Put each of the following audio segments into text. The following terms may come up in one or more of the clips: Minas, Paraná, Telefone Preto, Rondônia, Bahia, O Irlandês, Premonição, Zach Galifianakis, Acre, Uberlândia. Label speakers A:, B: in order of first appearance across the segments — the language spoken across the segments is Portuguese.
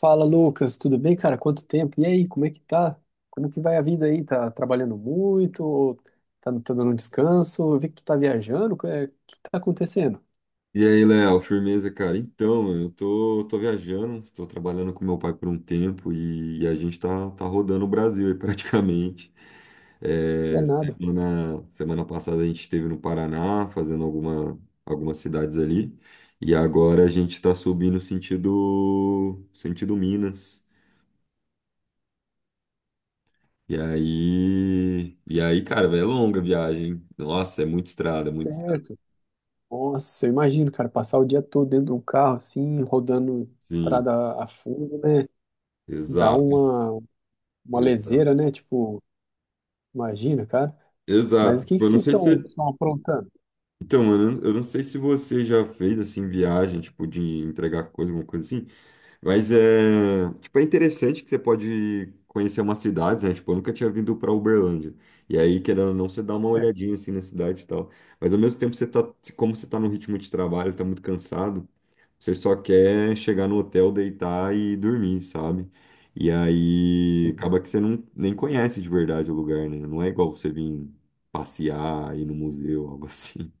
A: Fala, Lucas, tudo bem, cara? Quanto tempo? E aí, como é que tá? Como que vai a vida aí? Tá trabalhando muito? Ou tá dando um descanso? Eu vi que tu tá viajando. O é, que tá acontecendo?
B: E aí, Léo, firmeza, cara? Então, mano, eu tô viajando, tô trabalhando com meu pai por um tempo e a gente tá rodando o Brasil aí praticamente.
A: É nada.
B: Na semana passada a gente esteve no Paraná, fazendo algumas cidades ali, e agora a gente tá subindo sentido Minas. Cara, véio, é longa a viagem, hein? Nossa, é muita estrada, muita estrada.
A: Certo. Nossa, eu imagino, cara, passar o dia todo dentro de um carro, assim, rodando
B: Sim,
A: estrada a fundo, né? Dá
B: exato,
A: uma
B: exato.
A: leseira, né? Tipo, imagina, cara. Mas
B: Exato.
A: o que
B: Tipo,
A: que
B: eu não
A: vocês
B: sei se.
A: estão aprontando?
B: Então, mano, eu não sei se você já fez, assim, viagem, tipo, de entregar coisa, alguma coisa assim, mas é, tipo, é interessante que você pode conhecer umas cidades, né? Tipo, eu nunca tinha vindo pra Uberlândia. E aí, querendo ou não, você dá uma
A: É,
B: olhadinha, assim, na cidade e tal. Mas, ao mesmo tempo, você tá, como você tá no ritmo de trabalho, tá muito cansado, você só quer chegar no hotel, deitar e dormir, sabe? E aí,
A: sim.
B: acaba que você não, nem conhece de verdade o lugar, né? Não é igual você vir passear, ir no museu, algo assim.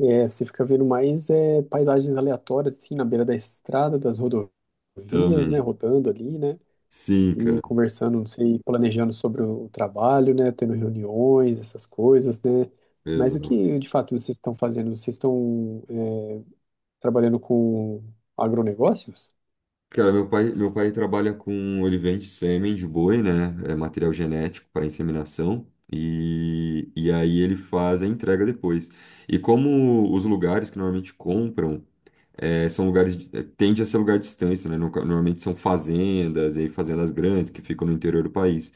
A: É, você fica vendo mais é, paisagens aleatórias, assim, na beira da estrada, das rodovias, né,
B: Também.
A: rodando ali, né,
B: Sim,
A: e
B: cara.
A: conversando, não sei, planejando sobre o trabalho, né, tendo reuniões, essas coisas, né. Mas o
B: Exato.
A: que, de fato, vocês estão fazendo? Vocês estão é, trabalhando com agronegócios?
B: Cara, meu pai trabalha com olivente sêmen de boi, né? É material genético para inseminação. E aí ele faz a entrega depois. E como os lugares que normalmente compram é, são lugares, é, tende a ser lugar distante, né? Normalmente são fazendas, e aí fazendas grandes que ficam no interior do país.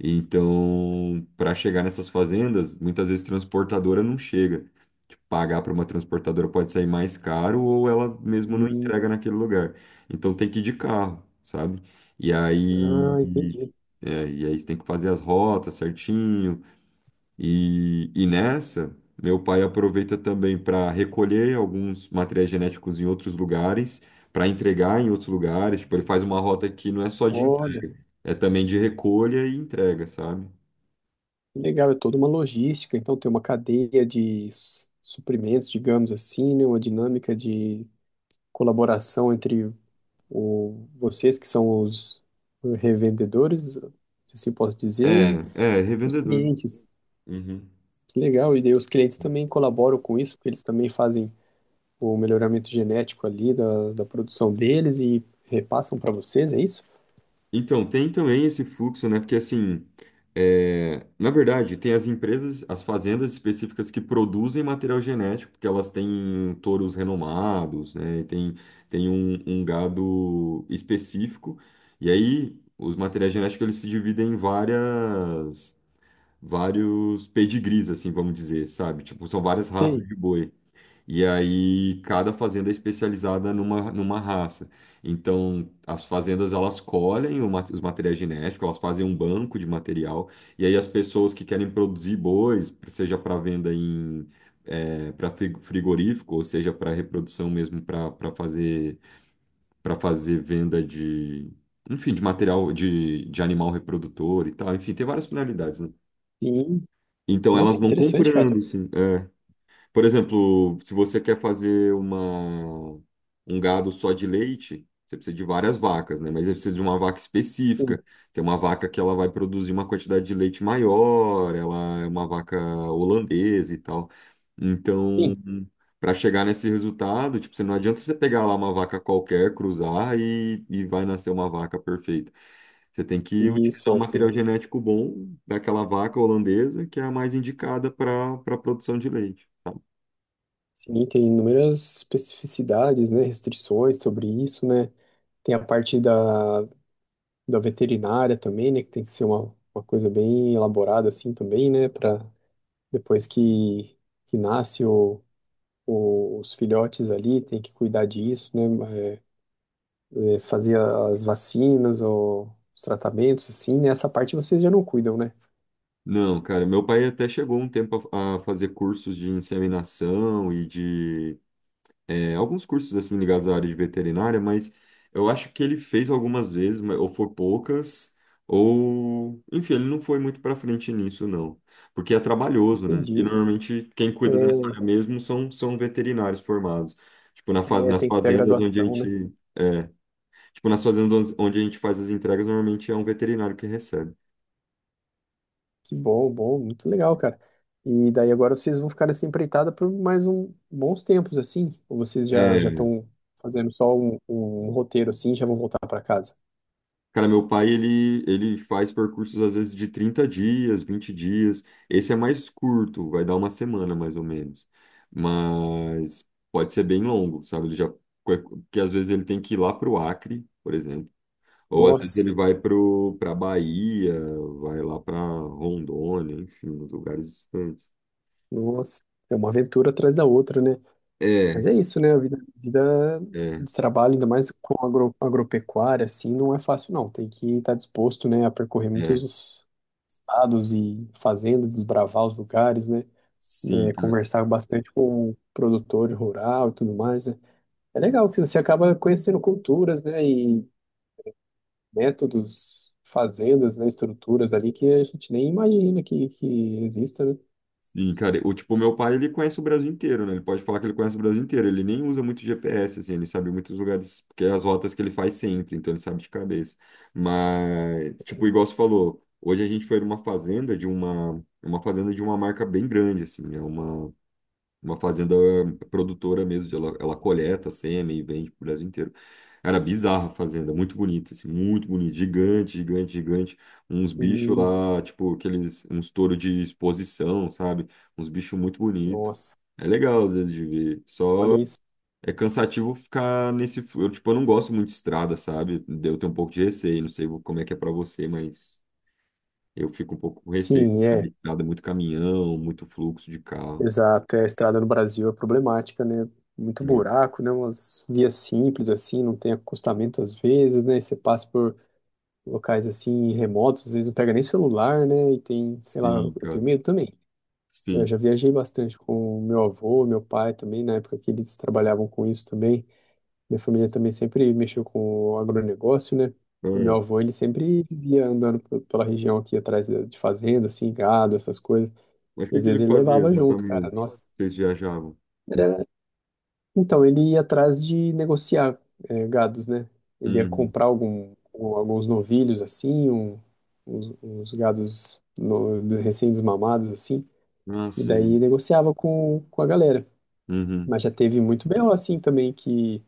B: Então, para chegar nessas fazendas, muitas vezes transportadora não chega. Tipo, pagar para uma transportadora pode sair mais caro ou ela mesmo não
A: Hum,
B: entrega naquele lugar. Então tem que ir de carro, sabe? E aí,
A: ah, entendi.
B: é, e aí você tem que fazer as rotas certinho e meu pai aproveita também para recolher alguns materiais genéticos em outros lugares, para entregar em outros lugares. Tipo, ele faz uma rota que não é só de
A: Olha,
B: entrega, é também de recolha e entrega, sabe?
A: que legal, é toda uma logística, então tem uma cadeia de suprimentos, digamos assim, né, uma dinâmica de colaboração entre o, vocês que são os revendedores, se assim posso dizer, e
B: É,
A: os
B: revendedor.
A: clientes.
B: Uhum.
A: Que legal, e daí os clientes também colaboram com isso, porque eles também fazem o melhoramento genético ali da produção deles e repassam para vocês, é isso?
B: Então, tem também esse fluxo, né? Porque assim, é, na verdade, tem as empresas, as fazendas específicas que produzem material genético, porque elas têm touros renomados, né? Tem um gado específico. E aí, os materiais genéticos, eles se dividem em vários pedigrees, assim, vamos dizer, sabe? Tipo, são várias raças
A: Sim.
B: de boi. E aí cada fazenda é especializada numa raça. Então as fazendas elas colhem os materiais genéticos, elas fazem um banco de material e aí as pessoas que querem produzir bois, seja para venda para frigorífico, ou seja para reprodução mesmo para fazer venda de enfim de material de animal reprodutor e tal. Enfim, tem várias finalidades, né?
A: Sim.
B: Então
A: Nossa,
B: elas
A: que
B: vão
A: interessante, cara.
B: comprando, assim, é. Por exemplo, se você quer fazer um gado só de leite, você precisa de várias vacas, né? Mas você precisa de uma vaca
A: Sim,
B: específica. Tem uma vaca que ela vai produzir uma quantidade de leite maior, ela é uma vaca holandesa e tal. Então,
A: sim.
B: para chegar nesse resultado, tipo, você não adianta você pegar lá uma vaca qualquer, cruzar e vai nascer uma vaca perfeita. Você tem que
A: Isso
B: utilizar um
A: é,
B: material
A: tem,
B: genético bom daquela vaca holandesa que é a mais indicada para produção de leite.
A: sim, tem inúmeras especificidades, né, restrições sobre isso, né? Tem a parte da veterinária também, né? Que tem que ser uma coisa bem elaborada assim também, né? Para depois que, que nasce os filhotes ali, tem que cuidar disso, né? É, fazer as vacinas ou os tratamentos assim, né? Essa parte vocês já não cuidam, né?
B: Não, cara, meu pai até chegou um tempo a fazer cursos de inseminação e de é, alguns cursos assim ligados à área de veterinária, mas eu acho que ele fez algumas vezes, ou foi poucas, ou enfim, ele não foi muito pra frente nisso, não, porque é trabalhoso, né? E
A: Entendi.
B: normalmente quem cuida dessa
A: É,
B: área mesmo são veterinários formados,
A: é,
B: nas
A: tem que ter a
B: fazendas onde
A: graduação, né?
B: tipo nas fazendas onde a gente faz as entregas, normalmente é um veterinário que recebe.
A: Que bom, bom, muito legal, cara. E daí agora vocês vão ficar nessa empreitada por mais um bons tempos, assim? Ou vocês já
B: É.
A: estão fazendo só um roteiro assim, e já vão voltar para casa?
B: Cara, ele faz percursos às vezes de 30 dias, 20 dias. Esse é mais curto, vai dar uma semana mais ou menos. Mas pode ser bem longo, sabe? Porque às vezes ele tem que ir lá para o Acre, por exemplo. Ou às vezes ele
A: Nossa,
B: vai para a Bahia, vai lá para Rondônia, enfim, uns lugares distantes.
A: nossa, é uma aventura atrás da outra, né? Mas
B: É,
A: é isso, né? A vida, vida
B: é,
A: de trabalho, ainda mais com agropecuária, assim, não é fácil, não. Tem que estar disposto, né, a percorrer
B: é.
A: muitos estados e fazendas, desbravar os lugares, né?
B: Sim.
A: Né, conversar bastante com o produtor rural e tudo mais, né? É legal que você acaba conhecendo culturas, né, e métodos, fazendas, né, estruturas ali que a gente nem imagina que exista, né?
B: Sim, cara, o tipo, ele conhece o Brasil inteiro, né? Ele pode falar que ele conhece o Brasil inteiro. Ele nem usa muito GPS, assim, ele sabe muitos lugares, porque é as rotas que ele faz sempre, então ele sabe de cabeça. Mas, tipo, igual você falou, hoje a gente foi numa uma fazenda de uma marca bem grande, assim, uma fazenda produtora mesmo, ela, ela coleta sêmen e vende pro Brasil inteiro. Era bizarra a fazenda, muito bonita, assim, muito bonita, gigante, gigante, gigante. Uns bichos
A: Sim,
B: lá, tipo, aqueles, uns touros de exposição, sabe? Uns bichos muito bonitos.
A: nossa,
B: É legal, às vezes, de ver.
A: olha
B: Só
A: isso.
B: é cansativo ficar nesse, eu, tipo, eu não gosto muito de estrada, sabe? Eu tenho um pouco de receio, não sei como é que é pra você, mas eu fico um pouco com receio de
A: Sim,
B: ficar
A: é,
B: na estrada, muito caminhão, muito fluxo de carro.
A: exato. É, a estrada no Brasil é problemática, né? Muito
B: É.
A: buraco, né? Umas vias simples assim, não tem acostamento às vezes, né? E você passa por locais assim remotos, às vezes não pega nem celular, né? E tem, sei lá,
B: Sim,
A: eu
B: cara.
A: tenho medo também. Eu
B: Sim.
A: já viajei bastante com meu avô, meu pai também, na época que eles trabalhavam com isso também. Minha família também sempre mexeu com o agronegócio, né? E meu
B: Ah,
A: avô, ele sempre vivia andando pela região aqui atrás de fazenda, assim, gado, essas coisas.
B: mas o
A: E
B: que
A: às
B: que
A: vezes
B: ele
A: ele
B: fazia
A: levava junto, cara.
B: exatamente?
A: Nossa.
B: Vocês viajavam?
A: Era... Então, ele ia atrás de negociar eh, gados, né? Ele ia
B: Uhum.
A: comprar algum, alguns novilhos, assim, uns gados recém-desmamados, assim.
B: Ah,
A: E daí
B: sim.
A: negociava com a galera.
B: Uhum.
A: Mas já teve muito BO assim também, que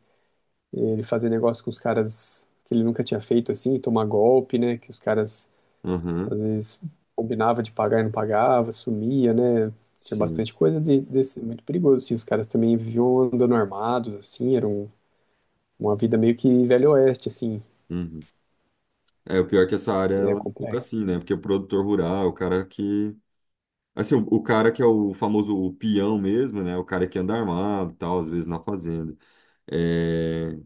A: ele fazer negócio com os caras que ele nunca tinha feito assim, tomar golpe, né? Que os caras
B: Aham.
A: às vezes combinava de pagar e não pagava, sumia, né? Tinha
B: Sim.
A: bastante coisa desse, muito perigoso, assim. Os caras também viviam andando armados, assim, era uma vida meio que velho oeste, assim,
B: Uhum. É, o pior é que essa área
A: é
B: ela é um pouco
A: complexo.
B: assim, né? Porque o produtor rural, o cara que. Assim, o cara que é o famoso o peão mesmo, né? O cara que anda armado e tal, às vezes na fazenda. É.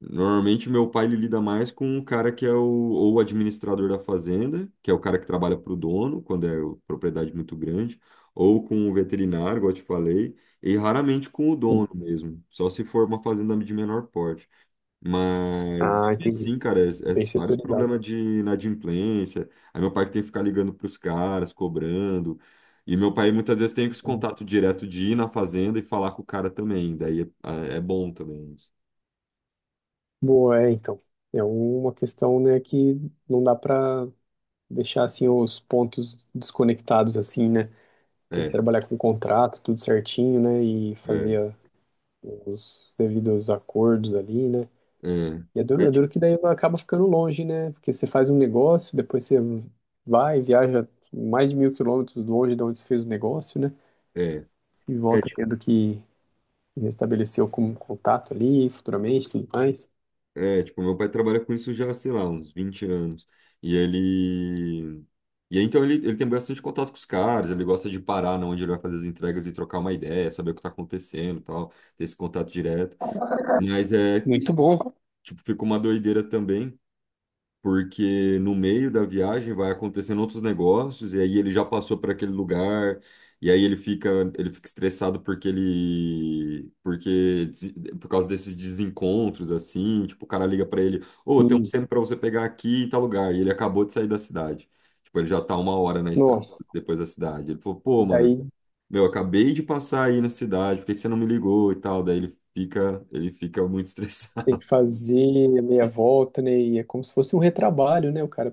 B: Normalmente, meu pai ele lida mais com o cara que é ou o administrador da fazenda, que é o cara que trabalha para o dono, quando é propriedade muito grande, ou com o veterinário, igual eu te falei, e raramente com o dono
A: Sim.
B: mesmo, só se for uma fazenda de menor porte. Mas, mesmo
A: Ah, entendi.
B: assim, cara, é
A: Bem
B: vários
A: setorizado.
B: problemas de inadimplência. Aí, meu pai que tem que ficar ligando para os caras, cobrando. E meu pai muitas vezes tem esse
A: Sim.
B: contato direto de ir na fazenda e falar com o cara também. Daí é bom também isso.
A: Boa, é, então. É uma questão, né, que não dá para deixar assim os pontos desconectados assim, né? Tem que
B: É,
A: trabalhar com contrato, tudo certinho, né? E fazer
B: é.
A: os devidos acordos ali, né?
B: É,
A: E
B: é,
A: é duro
B: tipo,
A: que daí acaba ficando longe, né? Porque você faz um negócio, depois você vai, viaja mais de 1.000 quilômetros longe de onde você fez o negócio, né?
B: é,
A: E
B: é,
A: volta
B: tipo,
A: tendo que restabelecer algum contato ali, futuramente, tudo mais.
B: tipo, meu pai trabalha com isso já, sei lá, uns 20 anos. E ele. E aí, então, ele tem bastante contato com os caras, ele gosta de parar na onde ele vai fazer as entregas e trocar uma ideia, saber o que tá acontecendo e tal, ter esse contato direto. Mas é,
A: Muito bom.
B: tipo, fica uma doideira também, porque no meio da viagem vai acontecendo outros negócios e aí ele já passou para aquele lugar e aí ele fica estressado por causa desses desencontros assim, tipo, o cara liga para ele, ô, tem um
A: E,
B: centro para você pegar aqui em tal lugar e ele acabou de sair da cidade. Tipo, ele já tá uma hora na estrada
A: Nossa,
B: depois da cidade. Ele falou, pô,
A: e
B: mano,
A: daí
B: meu, acabei de passar aí na cidade, por que que você não me ligou e tal? Daí ele fica muito
A: tem
B: estressado.
A: que fazer a meia volta, né? E é como se fosse um retrabalho, né? O cara,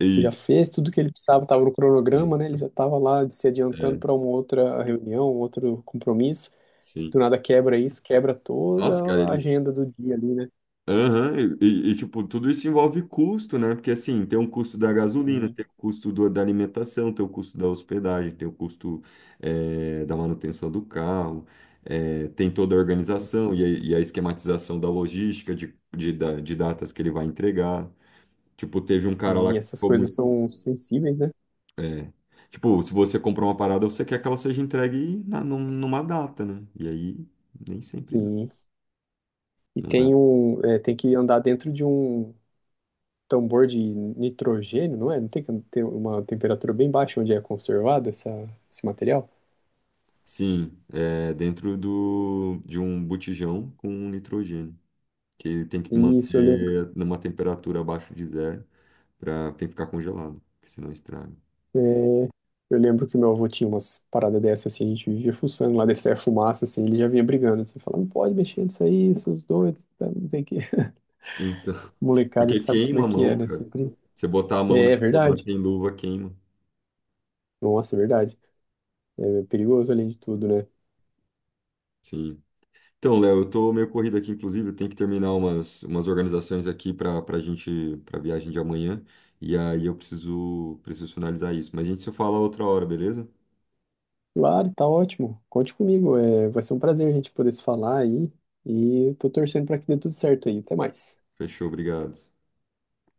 B: É
A: tipo, já
B: isso.
A: fez tudo que ele precisava, estava no
B: É,
A: cronograma, né? Ele já estava lá se adiantando
B: é,
A: para uma outra reunião, um outro compromisso.
B: sim.
A: Do nada quebra isso, quebra toda
B: Nossa, cara,
A: a
B: ele.
A: agenda do dia ali, né?
B: Aham, tipo, tudo isso envolve custo, né? Porque assim, tem um custo da gasolina,
A: Sim,
B: tem o custo da alimentação, tem o custo da hospedagem, tem o custo da manutenção do carro, tem toda a
A: isso.
B: organização e a esquematização da logística de datas que ele vai entregar. Tipo, teve um cara lá
A: Sim,
B: que
A: essas
B: ficou
A: coisas
B: muito.
A: são sensíveis, né?
B: É, tipo, se você comprou uma parada, você quer que ela seja entregue numa data, né? E aí, nem sempre dá.
A: Sim. E
B: Não é.
A: tem um, é, tem que andar dentro de um tambor de nitrogênio, não é? Não tem que ter uma temperatura bem baixa onde é conservado esse material?
B: Sim, é dentro do, de um botijão com um nitrogênio, que ele tem que
A: Isso, eu lembro.
B: manter numa temperatura abaixo de zero, pra, tem que ficar congelado, que senão estraga.
A: É, eu lembro que meu avô tinha umas paradas dessas, assim, a gente vivia fuçando lá, descia a fumaça, assim, ele já vinha brigando, assim, falando, não pode mexer nisso aí, seus doidos, tá, não sei o quê.
B: Então,
A: Molecada
B: porque
A: sabe como é
B: queima a
A: que é,
B: mão,
A: né?
B: cara.
A: Sempre...
B: Você botar a mão
A: É, é
B: naquilo lá
A: verdade.
B: sem luva, queima.
A: Nossa, é verdade. É perigoso além de tudo, né?
B: Sim. Então, Léo, eu tô meio corrido aqui, inclusive, eu tenho que terminar umas organizações aqui pra gente, pra viagem de amanhã, e aí preciso finalizar isso. Mas a gente se fala outra hora, beleza?
A: Claro, tá ótimo. Conte comigo, é, vai ser um prazer a gente poder se falar aí, e eu tô torcendo pra que dê tudo certo aí. Até mais.
B: Fechou, obrigado.